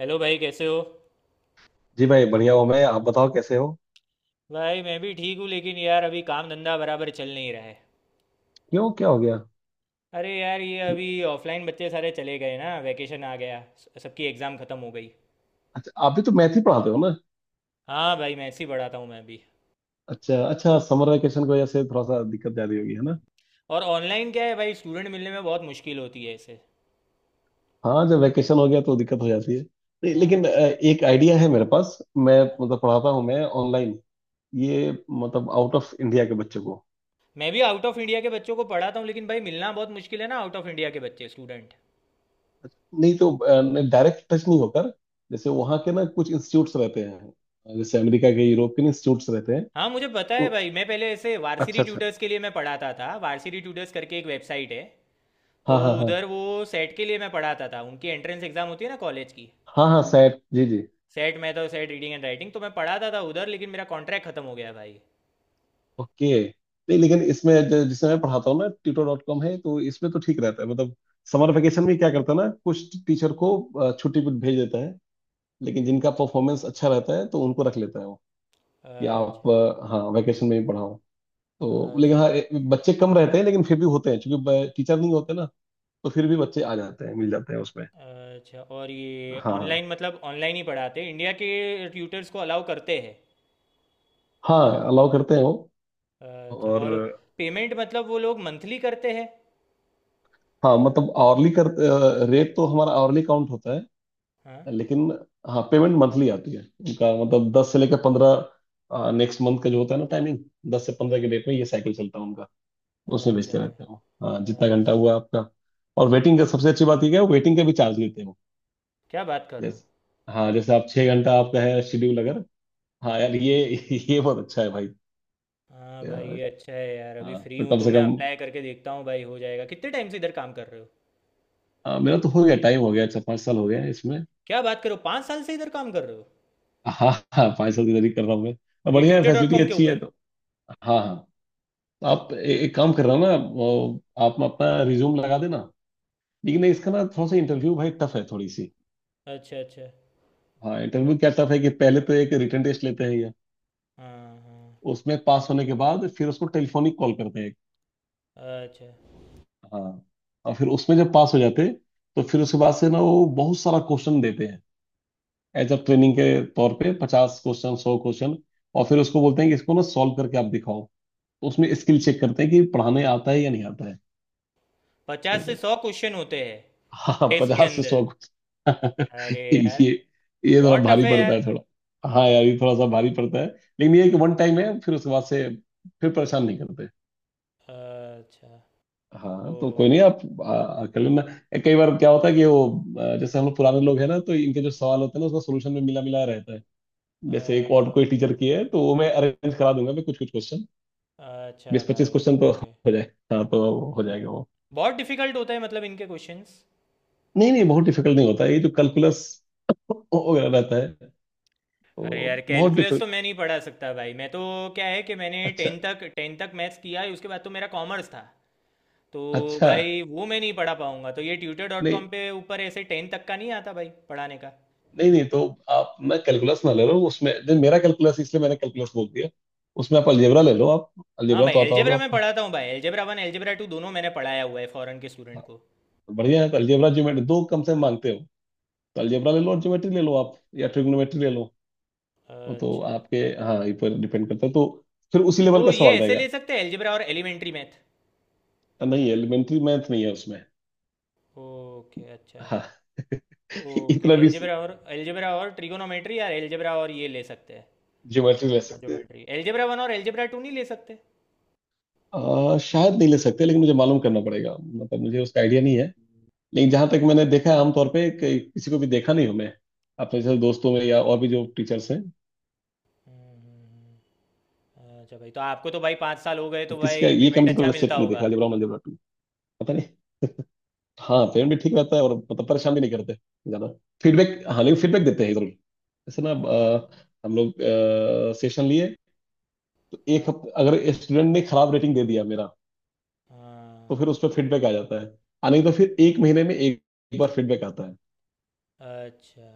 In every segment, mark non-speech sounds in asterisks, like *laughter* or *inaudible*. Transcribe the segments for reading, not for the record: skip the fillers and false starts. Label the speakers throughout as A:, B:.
A: Hello भाई, कैसे हो?
B: जी भाई बढ़िया हूँ मैं। आप बताओ कैसे हो।
A: भाई, मैं भी ठीक हूँ लेकिन यार अभी काम धंधा बराबर चल नहीं रहा है।
B: क्यों, क्या हो गया।
A: अरे यार, ये अभी ऑफलाइन बच्चे सारे चले गए ना, वैकेशन आ गया, सबकी एग्ज़ाम ख़त्म हो गई।
B: अच्छा, आप भी तो मैथ ही पढ़ाते हो ना।
A: हाँ भाई, मैं ऐसे ही पढ़ाता हूँ, मैं भी।
B: अच्छा अच्छा, समर वेकेशन की वजह से थोड़ा सा दिक्कत ज्यादा होगी, है ना।
A: हम्म। और ऑनलाइन क्या है भाई, स्टूडेंट मिलने में बहुत मुश्किल होती है ऐसे।
B: हाँ, जब वेकेशन हो गया तो दिक्कत हो जाती है। नहीं,
A: हाँ,
B: लेकिन एक आइडिया है मेरे पास। मैं मतलब पढ़ाता हूँ मैं ऑनलाइन, ये मतलब आउट ऑफ इंडिया के बच्चों को।
A: मैं भी आउट ऑफ इंडिया के बच्चों को पढ़ाता हूँ लेकिन भाई, मिलना बहुत मुश्किल है ना आउट ऑफ इंडिया के बच्चे, स्टूडेंट।
B: अच्छा, नहीं तो डायरेक्ट टच नहीं होकर, जैसे वहाँ के ना कुछ इंस्टीट्यूट्स रहते हैं, जैसे अमेरिका के यूरोप के इंस्टीट्यूट्स रहते हैं।
A: हाँ, मुझे पता है
B: उ-
A: भाई। मैं पहले ऐसे वार्सिटी
B: अच्छा अच्छा।
A: ट्यूटर्स के लिए मैं पढ़ाता था। वार्सिटी ट्यूटर्स करके एक वेबसाइट है। तो
B: हाँ हाँ हाँ।
A: उधर वो सेट के लिए मैं पढ़ाता था, उनकी एंट्रेंस एग्ज़ाम होती है ना कॉलेज की।
B: हाँ हाँ सैट। जी जी।
A: सेट मैथ और सेट रीडिंग एंड राइटिंग तो मैं पढ़ाता था उधर, लेकिन मेरा कॉन्ट्रैक्ट ख़त्म हो गया भाई।
B: ओके। नहीं लेकिन इसमें जिसे मैं पढ़ाता हूँ ना, ट्यूटर डॉट कॉम है, तो इसमें तो ठीक रहता है मतलब। समर वेकेशन में क्या करता है ना, कुछ टीचर को छुट्टी पे भेज देता है। लेकिन जिनका परफॉर्मेंस अच्छा रहता है तो उनको रख लेता है वो, कि आप
A: अच्छा
B: हाँ वेकेशन में भी पढ़ाओ। तो लेकिन
A: अच्छा।
B: हाँ बच्चे कम रहते हैं लेकिन फिर भी होते हैं, क्योंकि टीचर नहीं होते ना। तो फिर भी बच्चे आ जाते हैं, मिल जाते हैं उसमें।
A: अच्छा, और ये ऑनलाइन
B: हाँ।
A: मतलब ऑनलाइन ही पढ़ाते हैं? इंडिया के ट्यूटर्स को अलाउ करते हैं?
B: हाँ हाँ अलाउ करते हैं वो।
A: अच्छा,
B: और
A: और पेमेंट मतलब वो लोग मंथली करते हैं?
B: हाँ मतलब आवरली कर, रेट तो हमारा आवरली काउंट होता है,
A: हाँ।
B: लेकिन हाँ पेमेंट मंथली आती है उनका। मतलब 10 से लेकर 15 नेक्स्ट मंथ का जो होता है ना टाइमिंग, 10 से 15 के डेट में ये साइकिल चलता है उनका। उसमें
A: अच्छा
B: भेजते
A: अच्छा।
B: रहते हैं वो। हाँ, जितना घंटा
A: अच्छा।
B: हुआ आपका। और वेटिंग का सबसे अच्छी बात ये है, वेटिंग का भी चार्ज लेते हैं वो।
A: क्या बात कर रहे हो!
B: जैसे, हाँ जैसे आप 6 घंटा आपका है शेड्यूल अगर। हाँ यार ये बहुत अच्छा है भाई।
A: हाँ भाई,
B: यार,
A: ये अच्छा है यार। अभी
B: हाँ
A: फ्री
B: तो
A: हूँ
B: कम
A: तो
B: से
A: मैं
B: कम।
A: अप्लाई करके देखता हूँ भाई, हो जाएगा। कितने टाइम से इधर काम कर रहे हो?
B: हाँ, मेरा तो हो गया, टाइम हो गया अच्छा, 5 साल हो गया है इसमें।
A: क्या बात कर रहे हो, 5 साल से इधर काम कर रहे हो!
B: हाँ हाँ, 5 साल की तैयारी कर रहा हूँ मैं। और
A: ये
B: बढ़िया है,
A: ट्यूटर डॉट
B: फैसिलिटी
A: कॉम के
B: अच्छी है
A: ऊपर?
B: तो। हाँ हाँ। आप एक काम कर रहा हूँ ना वो, आप अपना रिज्यूम लगा देना। लेकिन इसका ना थोड़ा सा इंटरव्यू भाई टफ है थोड़ी सी।
A: अच्छा अच्छा।
B: हाँ इंटरव्यू
A: ओके,
B: क्या टफ है कि पहले तो एक रिटन टेस्ट लेते हैं ये।
A: हाँ हाँ।
B: उसमें पास होने के बाद फिर उसको टेलीफोनिक कॉल करते हैं।
A: अच्छा।
B: हाँ। और फिर उसमें जब पास हो जाते हैं, तो फिर उसके बाद से ना वो बहुत सारा क्वेश्चन देते हैं, एज अ ट्रेनिंग के तौर पे, 50 क्वेश्चन 100 क्वेश्चन। और फिर उसको बोलते हैं कि इसको ना सॉल्व करके आप दिखाओ, तो उसमें स्किल चेक करते हैं कि पढ़ाने आता है या नहीं आता है। समझ
A: 50 से
B: रहे।
A: 100 क्वेश्चन होते हैं
B: हाँ
A: टेस्ट के
B: 50 से 100।
A: अंदर? अरे यार,
B: ये ये थोड़ा
A: बहुत टफ
B: भारी
A: है
B: पड़ता
A: यार।
B: है थोड़ा, हाँ यार ये थोड़ा सा भारी पड़ता है। लेकिन ये है कि वन टाइम है, फिर उसके बाद से फिर परेशान नहीं करते।
A: अच्छा। ओ।
B: हाँ तो कोई नहीं आप, कर लेना। कई बार क्या होता है कि वो जैसे हम लोग पुराने लोग हैं ना, तो इनके जो सवाल होते हैं ना उसका सोल्यूशन में मिला मिला रहता है। जैसे एक और
A: अच्छा,
B: कोई
A: ओके।
B: टीचर की है तो वो मैं अरेंज करा दूंगा, मैं कुछ कुछ क्वेश्चन,
A: अच्छा
B: 20-25
A: भाई,
B: क्वेश्चन तो
A: ओके।
B: हो जाए। हाँ तो हो जाएगा
A: हम्म।
B: वो।
A: बहुत डिफिकल्ट होता है मतलब इनके क्वेश्चंस?
B: नहीं नहीं बहुत डिफिकल्ट नहीं होता, ये जो कैलकुलस वगैरह रहता है
A: अरे
B: वो
A: यार,
B: बहुत
A: कैलकुलस तो
B: डिफिकल्ट।
A: मैं नहीं पढ़ा सकता भाई, मैं तो। क्या है कि मैंने
B: अच्छा
A: 10th तक 10th तक मैथ्स किया है, उसके बाद तो मेरा कॉमर्स था। तो
B: अच्छा।
A: भाई, वो मैं नहीं पढ़ा पाऊंगा तो ये ट्यूटर डॉट
B: नहीं
A: कॉम पे ऊपर ऐसे 10 तक का नहीं आता भाई पढ़ाने का?
B: नहीं। नहीं तो आप ना कैलकुलस ना ले लो उसमें, नहीं मेरा कैलकुलस, इसलिए मैंने कैलकुलस बोल दिया। उसमें आप अलजेब्रा ले लो आप।
A: हाँ
B: अलजेब्रा
A: भाई,
B: तो आता होगा
A: अलजेब्रा मैं
B: आपको।
A: पढ़ाता हूँ भाई, अलजेब्रा 1 अलजेब्रा 2 दोनों मैंने पढ़ाया हुआ है फॉरेन के स्टूडेंट
B: हाँ,
A: को।
B: तो बढ़िया है, तो अलजेब्रा ज्योमेट्री दो कम से मांगते हो, तो अलजेब्रा ले लो और ज्योमेट्री ले लो आप, या ट्रिग्नोमेट्री ले लो। वो तो
A: अच्छा,
B: आपके, हाँ ये पर डिपेंड करता है तो, फिर उसी लेवल
A: तो
B: का
A: ये
B: सवाल
A: ऐसे
B: रहेगा।
A: ले सकते हैं अलजेब्रा और एलिमेंट्री मैथ?
B: हाँ, नहीं एलिमेंट्री मैथ नहीं है उसमें।
A: ओके अच्छा।
B: हाँ *laughs*
A: ओके,
B: इतना भी।
A: अलजेब्रा और ट्रिगोनोमेट्री यार, अलजेब्रा और ये ले सकते हैं?
B: ज्योमेट्री ले
A: हाँ
B: सकते हैं।
A: ज्योमेट्री, अलजेब्रा 1 और अलजेब्रा 2 नहीं ले सकते?
B: शायद नहीं ले सकते, लेकिन मुझे मालूम करना पड़ेगा, मतलब मुझे उसका आइडिया नहीं है। लेकिन जहां तक
A: ओके।
B: मैंने देखा है आमतौर पे, कि किसी को भी देखा नहीं हूं मैं, अपने जैसे दोस्तों में या और भी जो टीचर्स हैं,
A: अच्छा भाई, तो आपको तो भाई 5 साल हो गए
B: तो
A: तो
B: किसी का
A: भाई
B: ये
A: पेमेंट
B: कम
A: अच्छा
B: तो
A: मिलता
B: सेट नहीं देखा
A: होगा।
B: अलजेब्रा वन अलजेब्रा टू, पता नहीं। हाँ पेरेंट भी ठीक रहता है, और मतलब परेशान भी नहीं करते ज्यादा। फीडबैक, हाँ लेकिन फीडबैक देते हैं जरूर, जैसे ना
A: अच्छा।
B: हम लोग सेशन लिए, तो एक
A: हाँ
B: हफ्ते अगर स्टूडेंट ने खराब रेटिंग दे दिया मेरा, तो
A: हाँ।
B: फिर उस पर फीडबैक आ जाता है। आ, नहीं तो फिर एक महीने में एक, एक बार फीडबैक आता है।
A: अच्छा,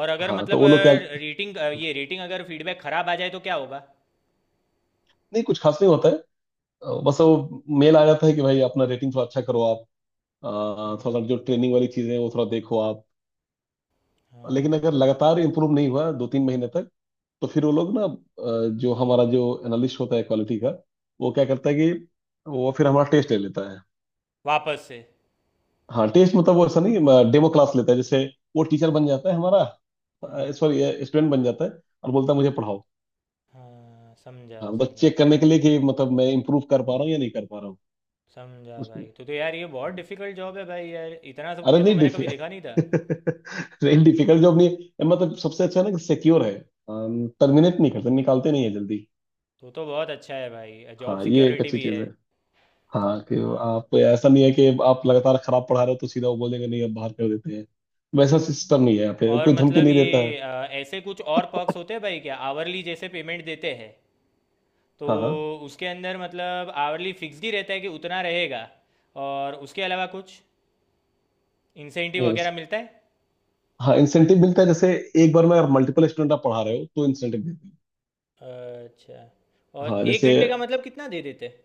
A: और अगर
B: हाँ तो
A: मतलब
B: वो लोग क्या,
A: रेटिंग, ये रेटिंग अगर फीडबैक खराब आ जाए तो क्या होगा?
B: नहीं कुछ खास नहीं होता है। बस वो मेल आ जाता है कि भाई अपना रेटिंग थोड़ा अच्छा करो आप, अ, थोड़ा
A: हाँ।
B: जो ट्रेनिंग वाली चीजें हैं वो थोड़ा देखो आप।
A: हाँ।
B: लेकिन अगर लगातार इंप्रूव नहीं हुआ 2-3 महीने तक, तो फिर वो लोग ना जो हमारा जो एनालिस्ट होता है क्वालिटी का, वो क्या
A: हाँ,
B: करता है कि वो फिर हमारा टेस्ट ले लेता है।
A: वापस से?
B: हाँ टेस्ट मतलब वो ऐसा नहीं, डेमो क्लास लेता है जैसे वो टीचर बन जाता है हमारा,
A: हाँ।
B: सॉरी स्टूडेंट बन जाता है, और बोलता है मुझे पढ़ाओ।
A: हाँ, समझा
B: हाँ मतलब
A: समझा।
B: चेक करने के लिए कि मतलब मैं इम्प्रूव कर पा रहा हूँ या नहीं कर पा रहा हूँ
A: समझा
B: उसके
A: भाई।
B: लिए।
A: तो यार, ये बहुत
B: हाँ।
A: डिफिकल्ट जॉब है भाई यार, इतना सब
B: अरे
A: कुछ तो
B: नहीं
A: मैंने कभी देखा नहीं
B: डिफिकल्ट
A: था।
B: *laughs* नहीं डिफिकल्ट जॉब नहीं है, मतलब सबसे अच्छा है ना कि सिक्योर है, टर्मिनेट नहीं करते, निकालते नहीं है जल्दी।
A: तो बहुत अच्छा है भाई, जॉब
B: हाँ ये एक
A: सिक्योरिटी
B: अच्छी
A: भी
B: चीज
A: है।
B: है। हाँ कि
A: हाँ भाई।
B: आप, ऐसा नहीं है कि आप लगातार खराब पढ़ा रहे हो तो सीधा वो बोलेंगे नहीं अब बाहर कर देते हैं, वैसा सिस्टम नहीं है यहाँ पे,
A: और
B: कोई धमकी
A: मतलब
B: नहीं देता है।
A: ये ऐसे कुछ और पर्क्स होते हैं भाई क्या? आवरली जैसे पेमेंट देते हैं तो
B: हाँ हाँ।
A: उसके अंदर मतलब आवरली फिक्स्ड ही रहता है कि उतना रहेगा, और उसके अलावा कुछ इंसेंटिव
B: नहीं
A: वगैरह
B: उस,
A: मिलता है?
B: हाँ इंसेंटिव मिलता है, जैसे एक बार में अगर मल्टीपल स्टूडेंट आप पढ़ा रहे हो तो इंसेंटिव देते
A: अच्छा,
B: हैं।
A: और
B: हाँ
A: एक
B: जैसे
A: घंटे का मतलब कितना दे देते हैं?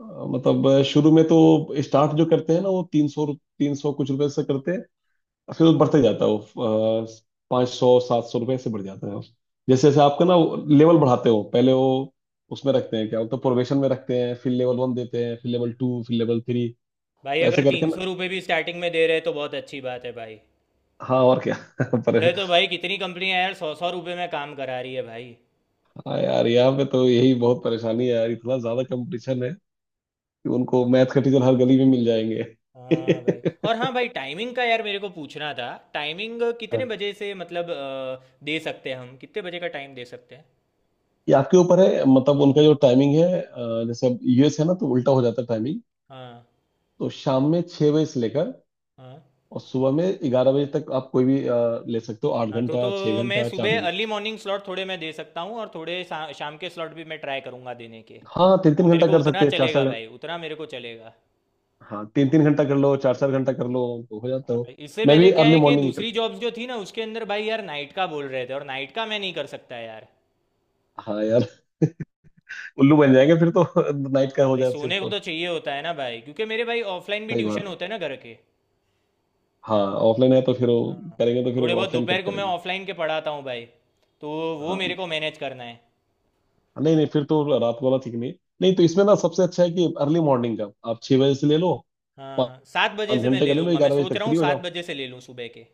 B: अ, मतलब शुरू में तो स्टार्ट जो करते हैं ना वो 300 300 कुछ रुपए से करते हैं, फिर वो बढ़ते जाता है वो, 500 700 रुपये ऐसे बढ़ जाता है वो, जैसे जैसे आपका ना लेवल बढ़ाते हो, पहले वो उसमें रखते हैं क्या बोलते हैं प्रोबेशन में रखते हैं, फिर लेवल वन देते हैं फिर लेवल टू फिर लेवल थ्री,
A: भाई
B: तो
A: अगर
B: ऐसे करके
A: तीन सौ
B: ना।
A: रुपये भी स्टार्टिंग में दे रहे हैं तो बहुत अच्छी बात है भाई।
B: हाँ और क्या *laughs*
A: इधर
B: पर।
A: तो भाई कितनी कंपनियां यार 100-100 रुपये में काम करा रही है भाई।
B: हाँ यार यहाँ पे तो यही बहुत परेशानी है यार, इतना ज्यादा कंपटीशन है कि उनको मैथ के टीचर हर गली में मिल जाएंगे *laughs*
A: हाँ भाई। और हाँ भाई, टाइमिंग का यार मेरे को पूछना था। टाइमिंग कितने
B: हाँ
A: बजे से मतलब दे सकते हैं, हम कितने बजे का टाइम दे सकते हैं?
B: ये आपके ऊपर है, मतलब उनका जो टाइमिंग है जैसे अब यूएस है ना तो उल्टा हो जाता है टाइमिंग।
A: हाँ
B: तो शाम में 6 बजे से लेकर
A: हाँ।
B: और सुबह में 11 बजे तक आप कोई भी ले सकते हो, आठ
A: हाँ, तो
B: घंटा छह
A: मैं
B: घंटा चार
A: सुबह
B: घंटा
A: अर्ली मॉर्निंग स्लॉट थोड़े मैं दे सकता हूँ, और थोड़े शाम के स्लॉट भी मैं ट्राई करूँगा देने के।
B: हाँ तीन
A: हाँ,
B: तीन
A: मेरे
B: घंटा
A: को
B: कर
A: उतना
B: सकते हैं चार
A: चलेगा
B: चार घंटा।
A: भाई, उतना मेरे को चलेगा।
B: हाँ तीन तीन घंटा कर लो चार चार घंटा कर लो, तो हो जाता
A: हाँ
B: हो।
A: भाई, इससे
B: मैं
A: पहले
B: भी
A: क्या
B: अर्ली
A: है कि
B: मॉर्निंग ही
A: दूसरी
B: करता हूँ।
A: जॉब्स जो थी ना उसके अंदर भाई यार नाइट का बोल रहे थे, और नाइट का मैं नहीं कर सकता यार।
B: हाँ यार *laughs* उल्लू बन जाएंगे फिर तो *laughs* नाइट का
A: हाँ
B: हो
A: भाई,
B: जाए फिर
A: सोने को
B: तो।
A: तो चाहिए होता है ना भाई, क्योंकि मेरे भाई ऑफलाइन भी
B: सही
A: ट्यूशन
B: बात है।
A: होते हैं ना घर के।
B: हाँ ऑफलाइन है तो फिर वो
A: हाँ।
B: करेंगे तो फिर
A: थोड़े बहुत
B: ऑफलाइन कब
A: दोपहर को मैं
B: करेंगे।
A: ऑफलाइन के पढ़ाता हूँ भाई, तो वो मेरे
B: हाँ
A: को मैनेज करना है।
B: नहीं नहीं फिर तो रात वाला ठीक नहीं, नहीं तो इसमें ना सबसे अच्छा है कि अर्ली मॉर्निंग का आप 6 बजे से ले लो,
A: हाँ हाँ, 7 बजे
B: पाँच
A: से मैं
B: घंटे का
A: ले
B: ले लो
A: लूँगा। मैं
B: 11 बजे
A: सोच
B: तक
A: रहा हूँ
B: फ्री हो
A: सात
B: जाओ।
A: बजे से ले लूँ सुबह के।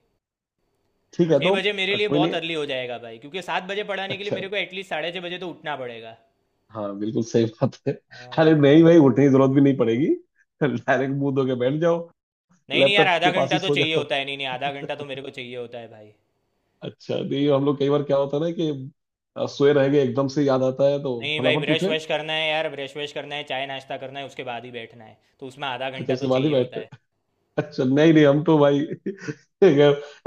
B: ठीक है
A: छः
B: तो
A: बजे मेरे लिए
B: कोई
A: बहुत
B: नहीं।
A: अर्ली हो जाएगा भाई, क्योंकि 7 बजे पढ़ाने के लिए
B: अच्छा।
A: मेरे को एटलीस्ट 6:30 बजे तो उठना पड़ेगा।
B: हाँ बिल्कुल सही बात है।
A: हाँ
B: अरे
A: भाई।
B: नहीं भाई, उठने की जरूरत भी नहीं पड़ेगी, डायरेक्ट मुंह धो के बैठ जाओ,
A: नहीं नहीं यार,
B: लैपटॉप
A: आधा
B: के पास
A: घंटा
B: ही
A: तो
B: सो
A: चाहिए
B: जाओ।
A: होता है। नहीं नहीं, आधा घंटा तो मेरे को चाहिए होता है भाई।
B: अच्छा नहीं हम लोग, कई बार क्या होता है ना कि सोए रह गए, एकदम से याद आता है तो
A: नहीं भाई,
B: फटाफट
A: ब्रश
B: उठे।
A: वश करना है यार, ब्रश वश करना है, चाय नाश्ता करना है, उसके बाद ही बैठना है तो उसमें आधा
B: अच्छा
A: घंटा तो
B: उसके बाद ही
A: चाहिए होता
B: बैठते।
A: है।
B: अच्छा नहीं नहीं हम तो भाई *laughs*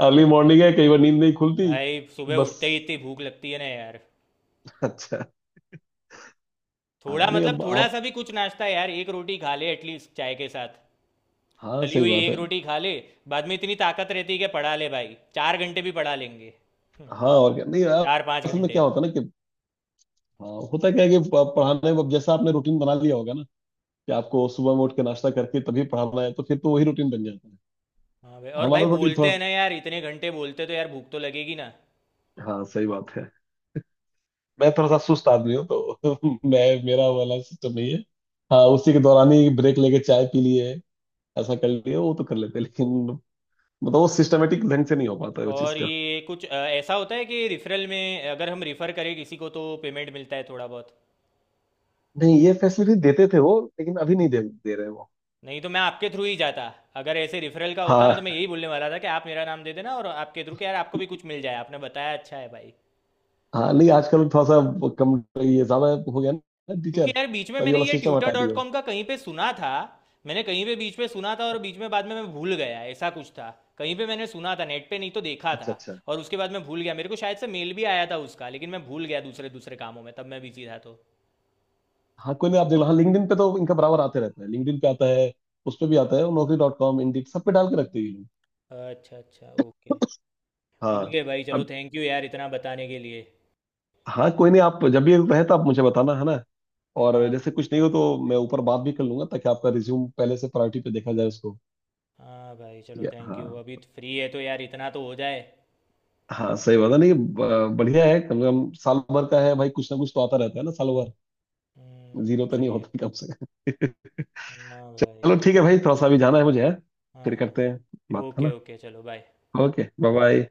B: अर्ली मॉर्निंग है कई बार नींद नहीं खुलती
A: भाई सुबह
B: बस।
A: उठते ही इतनी भूख लगती है ना यार।
B: अच्छा।
A: थोड़ा
B: हाँ नहीं
A: मतलब
B: अब
A: थोड़ा
B: आप,
A: सा भी कुछ नाश्ता यार, एक रोटी खा ले एटलीस्ट चाय के साथ।
B: हाँ
A: तली
B: सही
A: हुई
B: बात
A: एक
B: है।
A: रोटी खा ले, बाद में इतनी ताकत रहती है कि पढ़ा ले भाई, 4 घंटे भी पढ़ा लेंगे।
B: हाँ और क्या, नहीं
A: *laughs* चार पाँच
B: असल में
A: घंटे
B: क्या होता है ना कि, हाँ होता क्या है कि पढ़ाने में अब जैसा आपने रूटीन बना लिया होगा ना कि आपको सुबह में उठ के नाश्ता करके तभी पढ़ाना है, तो फिर तो वही रूटीन बन जाता है।
A: हाँ भाई, और भाई
B: हमारा रूटीन थोड़ा
A: बोलते हैं
B: सा-।
A: ना यार, इतने घंटे बोलते तो यार भूख तो लगेगी ना।
B: हाँ सही बात है। मैं थोड़ा सा सुस्त आदमी हूँ तो *laughs* मैं मेरा वाला सिस्टम नहीं है। हाँ उसी के दौरान ही ब्रेक लेके चाय पी लिए, ऐसा कर लिए
A: हाँ
B: वो
A: भाई।
B: तो कर लेते हैं, लेकिन मतलब वो सिस्टमेटिक ढंग से नहीं हो पाता है वो चीज़
A: और
B: का।
A: ये कुछ ऐसा होता है कि रिफरल में अगर हम रिफ़र करें किसी को तो पेमेंट मिलता है थोड़ा बहुत?
B: नहीं ये फैसिलिटी देते थे वो, लेकिन अभी नहीं दे रहे वो।
A: नहीं तो मैं आपके थ्रू ही जाता। अगर ऐसे रिफरल का होता ना तो मैं
B: हाँ
A: यही बोलने वाला था कि आप मेरा नाम दे देना, और आपके थ्रू, कि यार आपको भी कुछ मिल जाए, आपने बताया अच्छा है भाई।
B: हाँ नहीं आजकल थोड़ा सा वो कम, ये ज्यादा हो गया ना
A: क्योंकि
B: टीचर,
A: यार बीच में
B: तभी
A: मैंने
B: वाला
A: ये
B: सिस्टम
A: ट्यूटर
B: हटा
A: डॉट
B: दिया वो।
A: कॉम का कहीं पे सुना था। मैंने कहीं पे बीच में सुना था और बीच में, बाद में मैं भूल गया, ऐसा कुछ था। कहीं पे मैंने सुना था नेट पे, नहीं तो देखा
B: अच्छा
A: था,
B: अच्छा।
A: और उसके बाद मैं भूल गया। मेरे को शायद से मेल भी आया था उसका लेकिन मैं भूल गया, दूसरे दूसरे कामों में तब मैं बिजी था तो।
B: हाँ कोई नहीं आप देख लो, हाँ लिंक्डइन पे तो इनका बराबर आते रहता है, लिंक्डइन पे आता है, उस पे भी आता है, नौकरी डॉट कॉम इंडीड सब पे डाल के रखते हैं ये लोग।
A: अच्छा अच्छा, ओके।
B: हाँ।
A: ठीक है भाई, चलो
B: अब,
A: थैंक यू यार इतना बताने के लिए।
B: हाँ कोई नहीं आप जब भी रहे तो आप मुझे बताना है ना, और
A: हाँ।
B: जैसे कुछ नहीं हो तो मैं ऊपर बात भी कर लूंगा, ताकि आपका रिज्यूम पहले से प्रायोरिटी पे देखा जाए उसको।
A: हाँ भाई
B: ठीक
A: चलो,
B: है।
A: Thank you.
B: हाँ
A: अभी तो फ्री है तो यार इतना तो हो जाए।
B: हाँ सही बात है, नहीं बढ़िया है, कम से कम साल भर का है भाई, कुछ ना कुछ तो आता रहता है ना साल भर। जीरो तो नहीं
A: सही है।
B: होता कम से कम *laughs*
A: हाँ भाई।
B: चलो ठीक है भाई, थोड़ा सा अभी जाना है मुझे है,
A: हाँ
B: फिर
A: हाँ।
B: करते हैं, बात है
A: ओके
B: ना।
A: ओके, चलो बाय।
B: Okay bye bye.